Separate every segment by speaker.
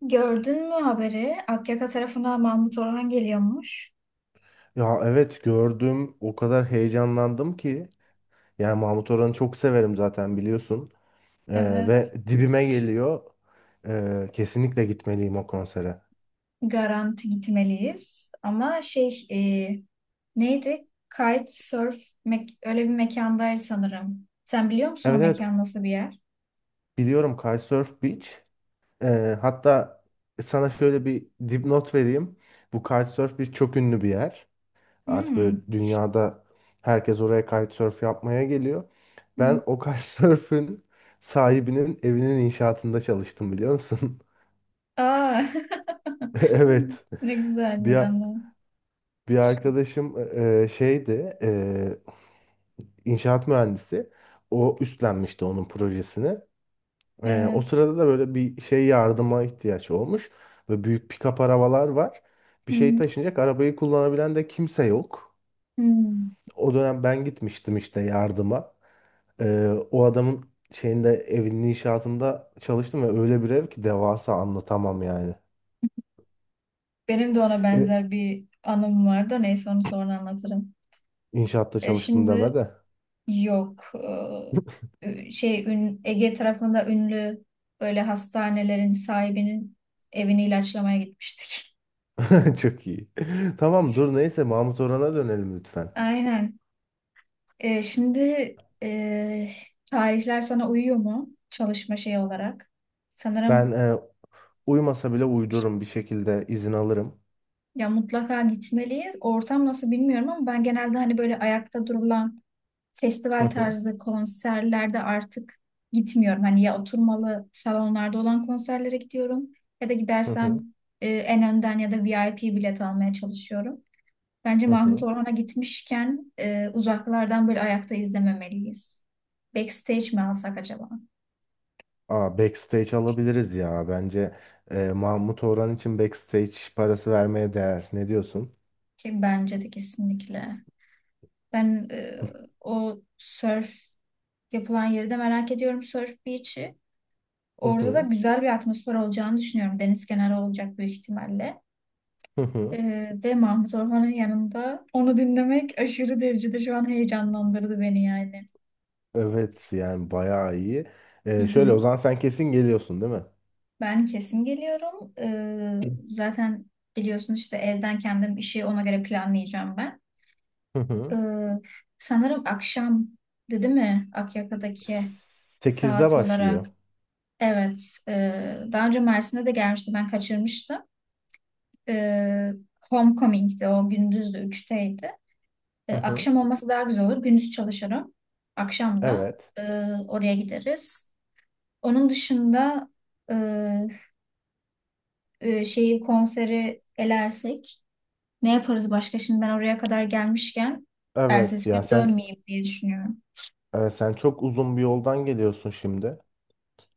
Speaker 1: Gördün mü haberi? Akyaka tarafından Mahmut Orhan geliyormuş.
Speaker 2: Ya evet gördüm, o kadar heyecanlandım ki yani Mahmut Orhan'ı çok severim zaten biliyorsun.
Speaker 1: Evet.
Speaker 2: Ve dibime geliyor. Kesinlikle gitmeliyim o konsere.
Speaker 1: Garanti gitmeliyiz. Ama şey neydi? Kitesurf öyle bir mekandaydı sanırım. Sen biliyor musun o
Speaker 2: Evet, evet,
Speaker 1: mekan nasıl bir yer?
Speaker 2: biliyorum Kitesurf Beach. Hatta sana şöyle bir dipnot vereyim, bu Kitesurf Beach çok ünlü bir yer artık, böyle
Speaker 1: Hmm.
Speaker 2: dünyada herkes oraya kitesurf yapmaya geliyor.
Speaker 1: Hmm.
Speaker 2: Ben o kitesurf'ün sahibinin evinin inşaatında çalıştım, biliyor musun?
Speaker 1: Aa.
Speaker 2: Evet.
Speaker 1: Ne güzel bir
Speaker 2: Bir,
Speaker 1: anı.
Speaker 2: Bir arkadaşım şeydi, inşaat mühendisi. O üstlenmişti onun projesini. O
Speaker 1: Evet.
Speaker 2: sırada da böyle bir şey yardıma ihtiyaç olmuş. Ve büyük pick-up arabalar var. Bir
Speaker 1: Hı
Speaker 2: şey
Speaker 1: hı.
Speaker 2: taşınacak, arabayı kullanabilen de kimse yok.
Speaker 1: Hmm.
Speaker 2: O dönem ben gitmiştim işte yardıma. O adamın şeyinde, evinin inşaatında çalıştım ve öyle bir ev ki devasa, anlatamam yani.
Speaker 1: Benim de ona
Speaker 2: E,
Speaker 1: benzer bir anım var da neyse onu sonra anlatırım.
Speaker 2: inşaatta
Speaker 1: E
Speaker 2: çalıştım deme
Speaker 1: şimdi.
Speaker 2: de.
Speaker 1: Yok. Şey Ege tarafında ünlü böyle hastanelerin sahibinin evini ilaçlamaya gitmiştik.
Speaker 2: Çok iyi. Tamam, dur, neyse Mahmut Orhan'a dönelim lütfen.
Speaker 1: Aynen. Şimdi e, tarihler sana uyuyor mu çalışma şeyi olarak?
Speaker 2: Ben
Speaker 1: Sanırım
Speaker 2: uyumasa bile uydururum, bir şekilde izin alırım.
Speaker 1: ya mutlaka gitmeliyiz. Ortam nasıl bilmiyorum ama ben genelde hani böyle ayakta durulan
Speaker 2: Hı
Speaker 1: festival
Speaker 2: hı,
Speaker 1: tarzı konserlerde artık gitmiyorum. Hani ya oturmalı salonlarda olan konserlere gidiyorum ya da
Speaker 2: hı
Speaker 1: gidersem
Speaker 2: hı,
Speaker 1: en önden ya da VIP bilet almaya çalışıyorum. Bence
Speaker 2: hı
Speaker 1: Mahmut
Speaker 2: hı.
Speaker 1: Orhan'a gitmişken uzaklardan böyle ayakta izlememeliyiz. Backstage mi alsak acaba?
Speaker 2: Aa, backstage alabiliriz ya. Bence Mahmut Orhan için backstage parası vermeye değer. Ne diyorsun?
Speaker 1: Ki bence de kesinlikle. Ben o surf yapılan yeri de merak ediyorum Surf Beach'i.
Speaker 2: Hı
Speaker 1: Orada da
Speaker 2: hı,
Speaker 1: güzel bir atmosfer olacağını düşünüyorum. Deniz kenarı olacak büyük ihtimalle.
Speaker 2: hı hı.
Speaker 1: Ve Mahmut Orhan'ın yanında onu dinlemek aşırı derecede şu an heyecanlandırdı beni yani.
Speaker 2: Evet, yani bayağı iyi.
Speaker 1: Hı hı.
Speaker 2: Şöyle o zaman sen kesin geliyorsun, değil mi?
Speaker 1: Ben kesin geliyorum. Zaten biliyorsun işte evden kendim işi ona göre planlayacağım ben.
Speaker 2: Hı
Speaker 1: Ee,
Speaker 2: hı.
Speaker 1: sanırım akşam dedi mi Akyaka'daki
Speaker 2: 8'de
Speaker 1: saat olarak?
Speaker 2: başlıyor.
Speaker 1: Evet. Daha önce Mersin'de de gelmişti ben kaçırmıştım. Ee, Homecoming'di o gündüzdü 3'teydi.
Speaker 2: Hı hı.
Speaker 1: Akşam olması daha güzel olur. Gündüz çalışırım. Akşam da
Speaker 2: Evet.
Speaker 1: e, oraya gideriz. Onun dışında e, şeyi konseri elersek ne yaparız başka? Şimdi ben oraya kadar gelmişken
Speaker 2: Evet,
Speaker 1: ertesi gün
Speaker 2: ya sen
Speaker 1: dönmeyeyim diye düşünüyorum.
Speaker 2: sen çok uzun bir yoldan geliyorsun şimdi.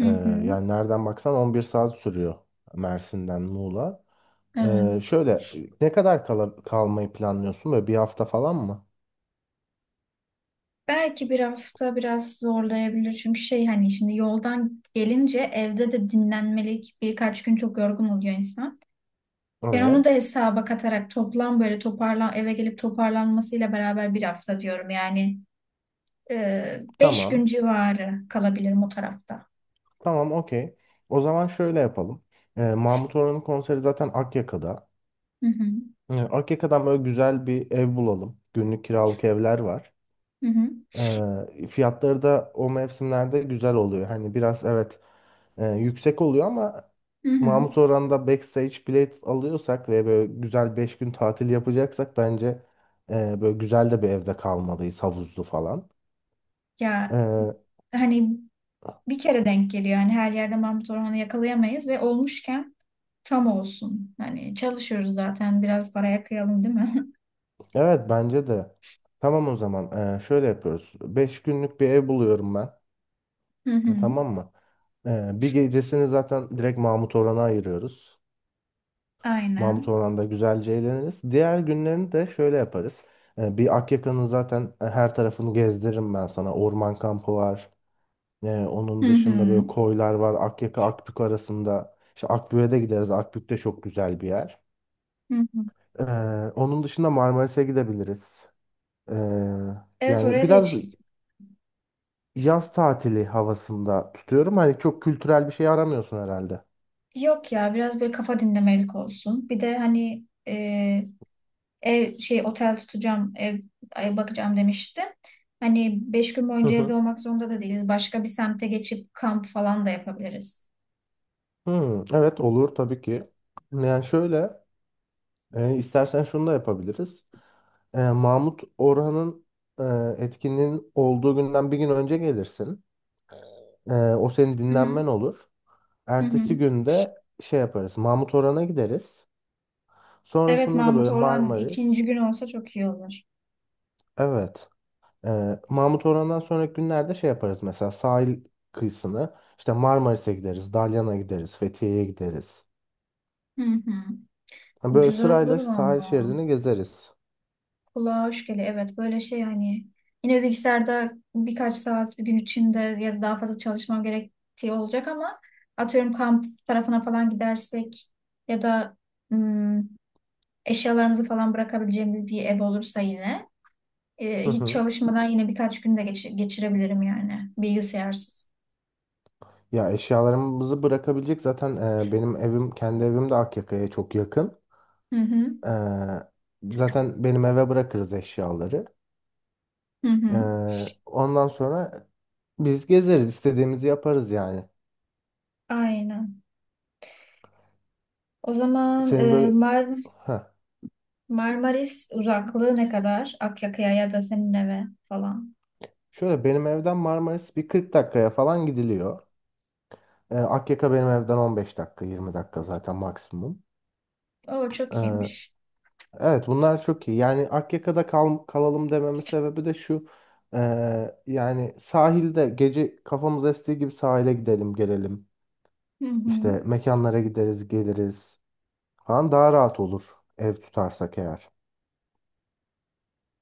Speaker 1: Hı
Speaker 2: Ee,
Speaker 1: hı,
Speaker 2: Yani nereden baksan 11 saat sürüyor, Mersin'den Muğla.
Speaker 1: evet.
Speaker 2: Şöyle ne kadar kalmayı planlıyorsun? Böyle bir hafta falan mı?
Speaker 1: Belki bir hafta biraz zorlayabilir çünkü şey hani şimdi yoldan gelince evde de dinlenmelik birkaç gün çok yorgun oluyor insan. Ben onu da
Speaker 2: Evet.
Speaker 1: hesaba katarak toplam böyle eve gelip toparlanmasıyla beraber bir hafta diyorum. Yani 5 gün
Speaker 2: Tamam.
Speaker 1: civarı kalabilirim o tarafta.
Speaker 2: Tamam, okey. O zaman şöyle yapalım. Mahmut Orhan'ın konseri zaten Akyaka'da.
Speaker 1: Hı hı,
Speaker 2: Akyaka'dan böyle güzel bir ev bulalım. Günlük kiralık evler var.
Speaker 1: hı hı,
Speaker 2: Fiyatları da o mevsimlerde güzel oluyor. Hani biraz, evet, yüksek oluyor ama
Speaker 1: hı hı.
Speaker 2: Mahmut Orhan'da backstage bilet alıyorsak ve böyle güzel 5 gün tatil yapacaksak bence böyle güzel de bir evde kalmalıyız, havuzlu falan.
Speaker 1: Ya
Speaker 2: Eee,
Speaker 1: hani bir kere denk geliyor. Yani her yerde Mahmut Orhan'ı yakalayamayız ve olmuşken tam olsun. Hani çalışıyoruz zaten biraz paraya kıyalım değil mi?
Speaker 2: evet, bence de. Tamam, o zaman şöyle yapıyoruz. 5 günlük bir ev buluyorum ben.
Speaker 1: Hı hı.
Speaker 2: Tamam mı? Bir gecesini zaten direkt Mahmut Orhan'a ayırıyoruz. Mahmut
Speaker 1: Aynen.
Speaker 2: Orhan'da güzelce eğleniriz. Diğer günlerini de şöyle yaparız. Bir Akyaka'nın zaten her tarafını gezdiririm ben sana. Orman kampı var.
Speaker 1: Hı
Speaker 2: Onun dışında
Speaker 1: hı.
Speaker 2: böyle koylar var, Akyaka, Akbük arasında. İşte Akbük'e de gideriz, Akbük de çok güzel bir yer.
Speaker 1: Hı hı.
Speaker 2: Ee, Onun dışında Marmaris'e gidebiliriz. Ee,
Speaker 1: Evet,
Speaker 2: Yani
Speaker 1: oraya da
Speaker 2: biraz
Speaker 1: hiç gitmedim.
Speaker 2: yaz tatili havasında tutuyorum. Hani çok kültürel bir şey aramıyorsun herhalde.
Speaker 1: Yok ya, biraz böyle kafa dinlemelik olsun. Bir de hani ev şey otel tutacağım, ev bakacağım demişti. Hani beş gün
Speaker 2: Hı
Speaker 1: boyunca evde
Speaker 2: hı.
Speaker 1: olmak zorunda da değiliz. Başka bir semte geçip kamp falan da yapabiliriz.
Speaker 2: Hı, evet, olur tabii ki. Yani şöyle, istersen şunu da yapabiliriz. Mahmut Orhan'ın e, etkinliğin olduğu günden bir gün önce gelirsin. O senin
Speaker 1: Hı hı.
Speaker 2: dinlenmen olur.
Speaker 1: Hı
Speaker 2: Ertesi
Speaker 1: hı.
Speaker 2: günde şey yaparız, Mahmut Orhan'a gideriz.
Speaker 1: Evet,
Speaker 2: Sonrasında da böyle
Speaker 1: Mahmut Orhan
Speaker 2: Marmaris.
Speaker 1: ikinci gün olsa çok iyi olur.
Speaker 2: Evet. Mahmut Orhan'dan sonraki günlerde şey yaparız, mesela sahil kıyısını. İşte Marmaris'e gideriz, Dalyan'a gideriz, Fethiye'ye gideriz.
Speaker 1: Hı hı.
Speaker 2: Ha, böyle
Speaker 1: Güzel olur
Speaker 2: sırayla sahil
Speaker 1: valla.
Speaker 2: şeridini gezeriz.
Speaker 1: Kulağa hoş geliyor. Evet, böyle şey hani yine bilgisayarda birkaç saat bir gün içinde ya da daha fazla çalışmam gerektiği olacak ama atıyorum kamp tarafına falan gidersek ya da hmm, eşyalarımızı falan bırakabileceğimiz bir ev olursa yine,
Speaker 2: Hı
Speaker 1: hiç
Speaker 2: hı.
Speaker 1: çalışmadan yine birkaç gün de geçirebilirim yani. Bilgisayarsız.
Speaker 2: Ya eşyalarımızı bırakabilecek zaten, benim evim, kendi evim de Akyaka'ya çok yakın.
Speaker 1: Hı hı.
Speaker 2: Ee, Zaten benim eve bırakırız eşyaları.
Speaker 1: Hı
Speaker 2: Ee,
Speaker 1: hı.
Speaker 2: Ondan sonra biz gezeriz, istediğimizi yaparız yani.
Speaker 1: Aynen. O zaman
Speaker 2: Senin böyle. Heh.
Speaker 1: Marmaris uzaklığı ne kadar? Akyaka'ya ya da senin eve falan.
Speaker 2: Şöyle benim evden Marmaris bir 40 dakikaya falan gidiliyor. Akyaka benim evden 15 dakika, 20 dakika zaten, maksimum.
Speaker 1: Oo,
Speaker 2: Ee,
Speaker 1: çok iyiymiş.
Speaker 2: evet, bunlar çok iyi. Yani Akyaka'da kalalım dememin sebebi de şu. Yani sahilde gece kafamız estiği gibi sahile gidelim, gelelim.
Speaker 1: Hı hı.
Speaker 2: İşte mekanlara gideriz, geliriz falan, daha rahat olur ev tutarsak eğer.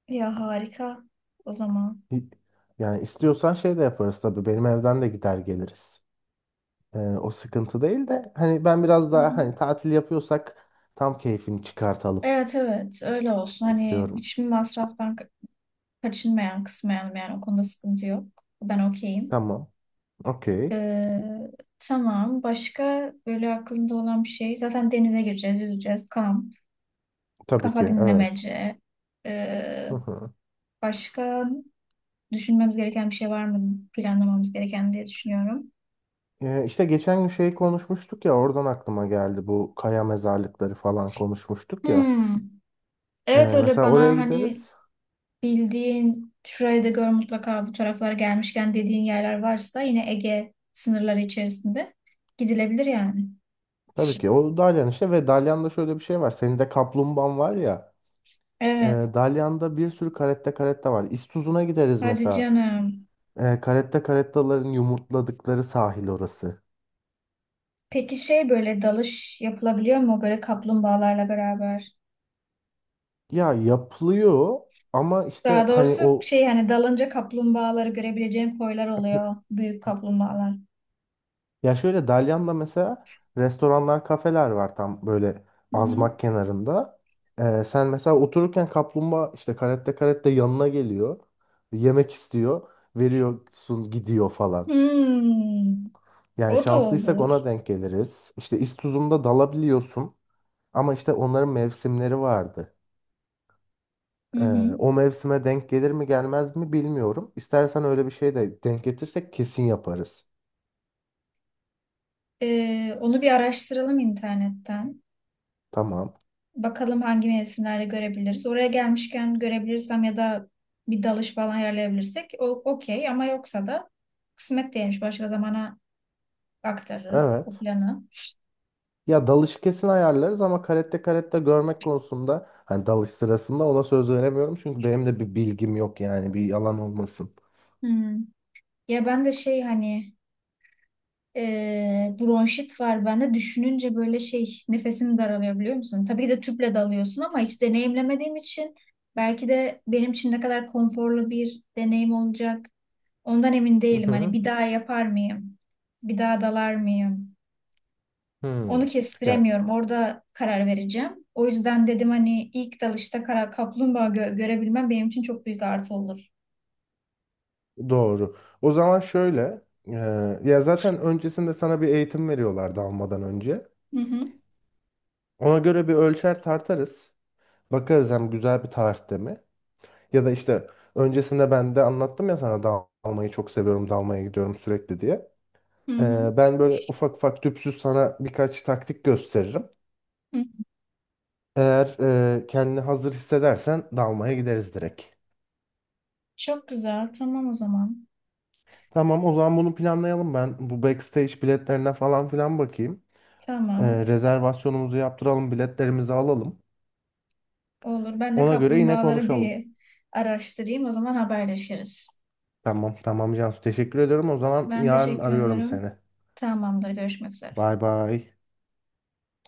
Speaker 1: Ya harika. O zaman.
Speaker 2: Hi- Yani istiyorsan şey de yaparız tabii. Benim evden de gider geliriz. O sıkıntı değil de, hani ben biraz
Speaker 1: Hı
Speaker 2: daha,
Speaker 1: hı.
Speaker 2: hani tatil yapıyorsak tam keyfini çıkartalım
Speaker 1: Evet, evet, öyle olsun. Hani
Speaker 2: istiyorum.
Speaker 1: hiçbir masraftan kaçınmayan kısmayalım yani, o konuda sıkıntı yok. Ben okeyim.
Speaker 2: Tamam. Okey.
Speaker 1: Ee, tamam. Başka böyle aklında olan bir şey. Zaten denize gireceğiz, yüzeceğiz. Kamp,
Speaker 2: Tabii ki,
Speaker 1: kafa
Speaker 2: evet.
Speaker 1: dinlemece.
Speaker 2: Hı
Speaker 1: Ee,
Speaker 2: hı.
Speaker 1: başka düşünmemiz gereken bir şey var mı? Planlamamız gereken diye düşünüyorum.
Speaker 2: İşte geçen gün şey konuşmuştuk ya, oradan aklıma geldi, bu kaya mezarlıkları falan konuşmuştuk ya.
Speaker 1: Hmm. Evet, öyle
Speaker 2: Mesela oraya
Speaker 1: bana hani
Speaker 2: gideriz.
Speaker 1: bildiğin şurayı da gör mutlaka bu taraflara gelmişken dediğin yerler varsa yine Ege sınırları içerisinde gidilebilir yani.
Speaker 2: Tabii ki o Dalyan işte, ve Dalyan'da şöyle bir şey var. Senin de kaplumbağan var ya.
Speaker 1: Evet.
Speaker 2: Dalyan'da bir sürü caretta caretta var. İstuzun'a gideriz
Speaker 1: Hadi
Speaker 2: mesela.
Speaker 1: canım.
Speaker 2: Caretta carettaların yumurtladıkları sahil orası.
Speaker 1: Peki şey böyle dalış yapılabiliyor mu böyle kaplumbağalarla beraber?
Speaker 2: Ya yapılıyor ama işte
Speaker 1: Daha
Speaker 2: hani
Speaker 1: doğrusu
Speaker 2: o,
Speaker 1: şey hani dalınca kaplumbağaları görebileceğin koylar oluyor. Büyük kaplumbağalar.
Speaker 2: ya şöyle, Dalyan'da mesela restoranlar, kafeler var tam böyle
Speaker 1: Hı hı.
Speaker 2: azmak kenarında. Sen mesela otururken kaplumbağa işte, caretta caretta yanına geliyor. Yemek istiyor. Veriyorsun, gidiyor falan.
Speaker 1: Hmm,
Speaker 2: Yani
Speaker 1: o da
Speaker 2: şanslıysak
Speaker 1: olur.
Speaker 2: ona denk geliriz. İşte İstuzum'da dalabiliyorsun. Ama işte onların mevsimleri vardı.
Speaker 1: Hı
Speaker 2: Ee,
Speaker 1: hı.
Speaker 2: O mevsime denk gelir mi, gelmez mi bilmiyorum. İstersen öyle bir şey de denk getirsek kesin yaparız.
Speaker 1: Onu bir araştıralım internetten.
Speaker 2: Tamam.
Speaker 1: Bakalım hangi mevsimlerde görebiliriz. Oraya gelmişken görebilirsem ya da bir dalış falan ayarlayabilirsek o okey ama yoksa da kısmet değilmiş. Başka zamana aktarırız o
Speaker 2: Evet.
Speaker 1: planı.
Speaker 2: Ya, dalış kesin ayarlarız ama karette karette görmek konusunda hani dalış sırasında ona söz veremiyorum. Çünkü benim de bir bilgim yok, yani bir yalan olmasın.
Speaker 1: Hmm. Ya ben de şey hani bronşit var bende. Düşününce böyle şey nefesim daralıyor biliyor musun? Tabii ki de tüple dalıyorsun ama hiç deneyimlemediğim için belki de benim için ne kadar konforlu bir deneyim olacak. Ondan emin
Speaker 2: Hı
Speaker 1: değilim. Hani
Speaker 2: hı.
Speaker 1: bir daha yapar mıyım? Bir daha dalar mıyım? Onu
Speaker 2: Hı. Ya,
Speaker 1: kestiremiyorum. Orada karar vereceğim. O yüzden dedim hani ilk dalışta kara kaplumbağa görebilmem benim için çok büyük artı olur.
Speaker 2: doğru. O zaman şöyle, e, ya zaten öncesinde sana bir eğitim veriyorlar dalmadan önce.
Speaker 1: Hı hı,
Speaker 2: Ona göre bir ölçer tartarız. Bakarız hem, güzel bir tarihte mi? Ya da işte öncesinde ben de anlattım ya sana, dalmayı çok seviyorum, dalmaya gidiyorum sürekli diye.
Speaker 1: hı hı,
Speaker 2: Ben böyle ufak ufak tüpsüz sana birkaç taktik gösteririm.
Speaker 1: hı.
Speaker 2: Eğer kendini hazır hissedersen dalmaya gideriz direkt.
Speaker 1: Çok güzel. Tamam o zaman.
Speaker 2: Tamam, o zaman bunu planlayalım ben. Bu backstage biletlerine falan filan bakayım.
Speaker 1: Tamam.
Speaker 2: Rezervasyonumuzu yaptıralım, biletlerimizi alalım.
Speaker 1: Olur. Ben de
Speaker 2: Ona göre yine
Speaker 1: kaplumbağaları
Speaker 2: konuşalım.
Speaker 1: bir araştırayım. O zaman haberleşiriz.
Speaker 2: Tamam, tamam Cansu, teşekkür ediyorum. O zaman
Speaker 1: Ben
Speaker 2: yarın
Speaker 1: teşekkür
Speaker 2: arıyorum
Speaker 1: ederim.
Speaker 2: seni.
Speaker 1: Tamamdır. Görüşmek üzere.
Speaker 2: Bay bay.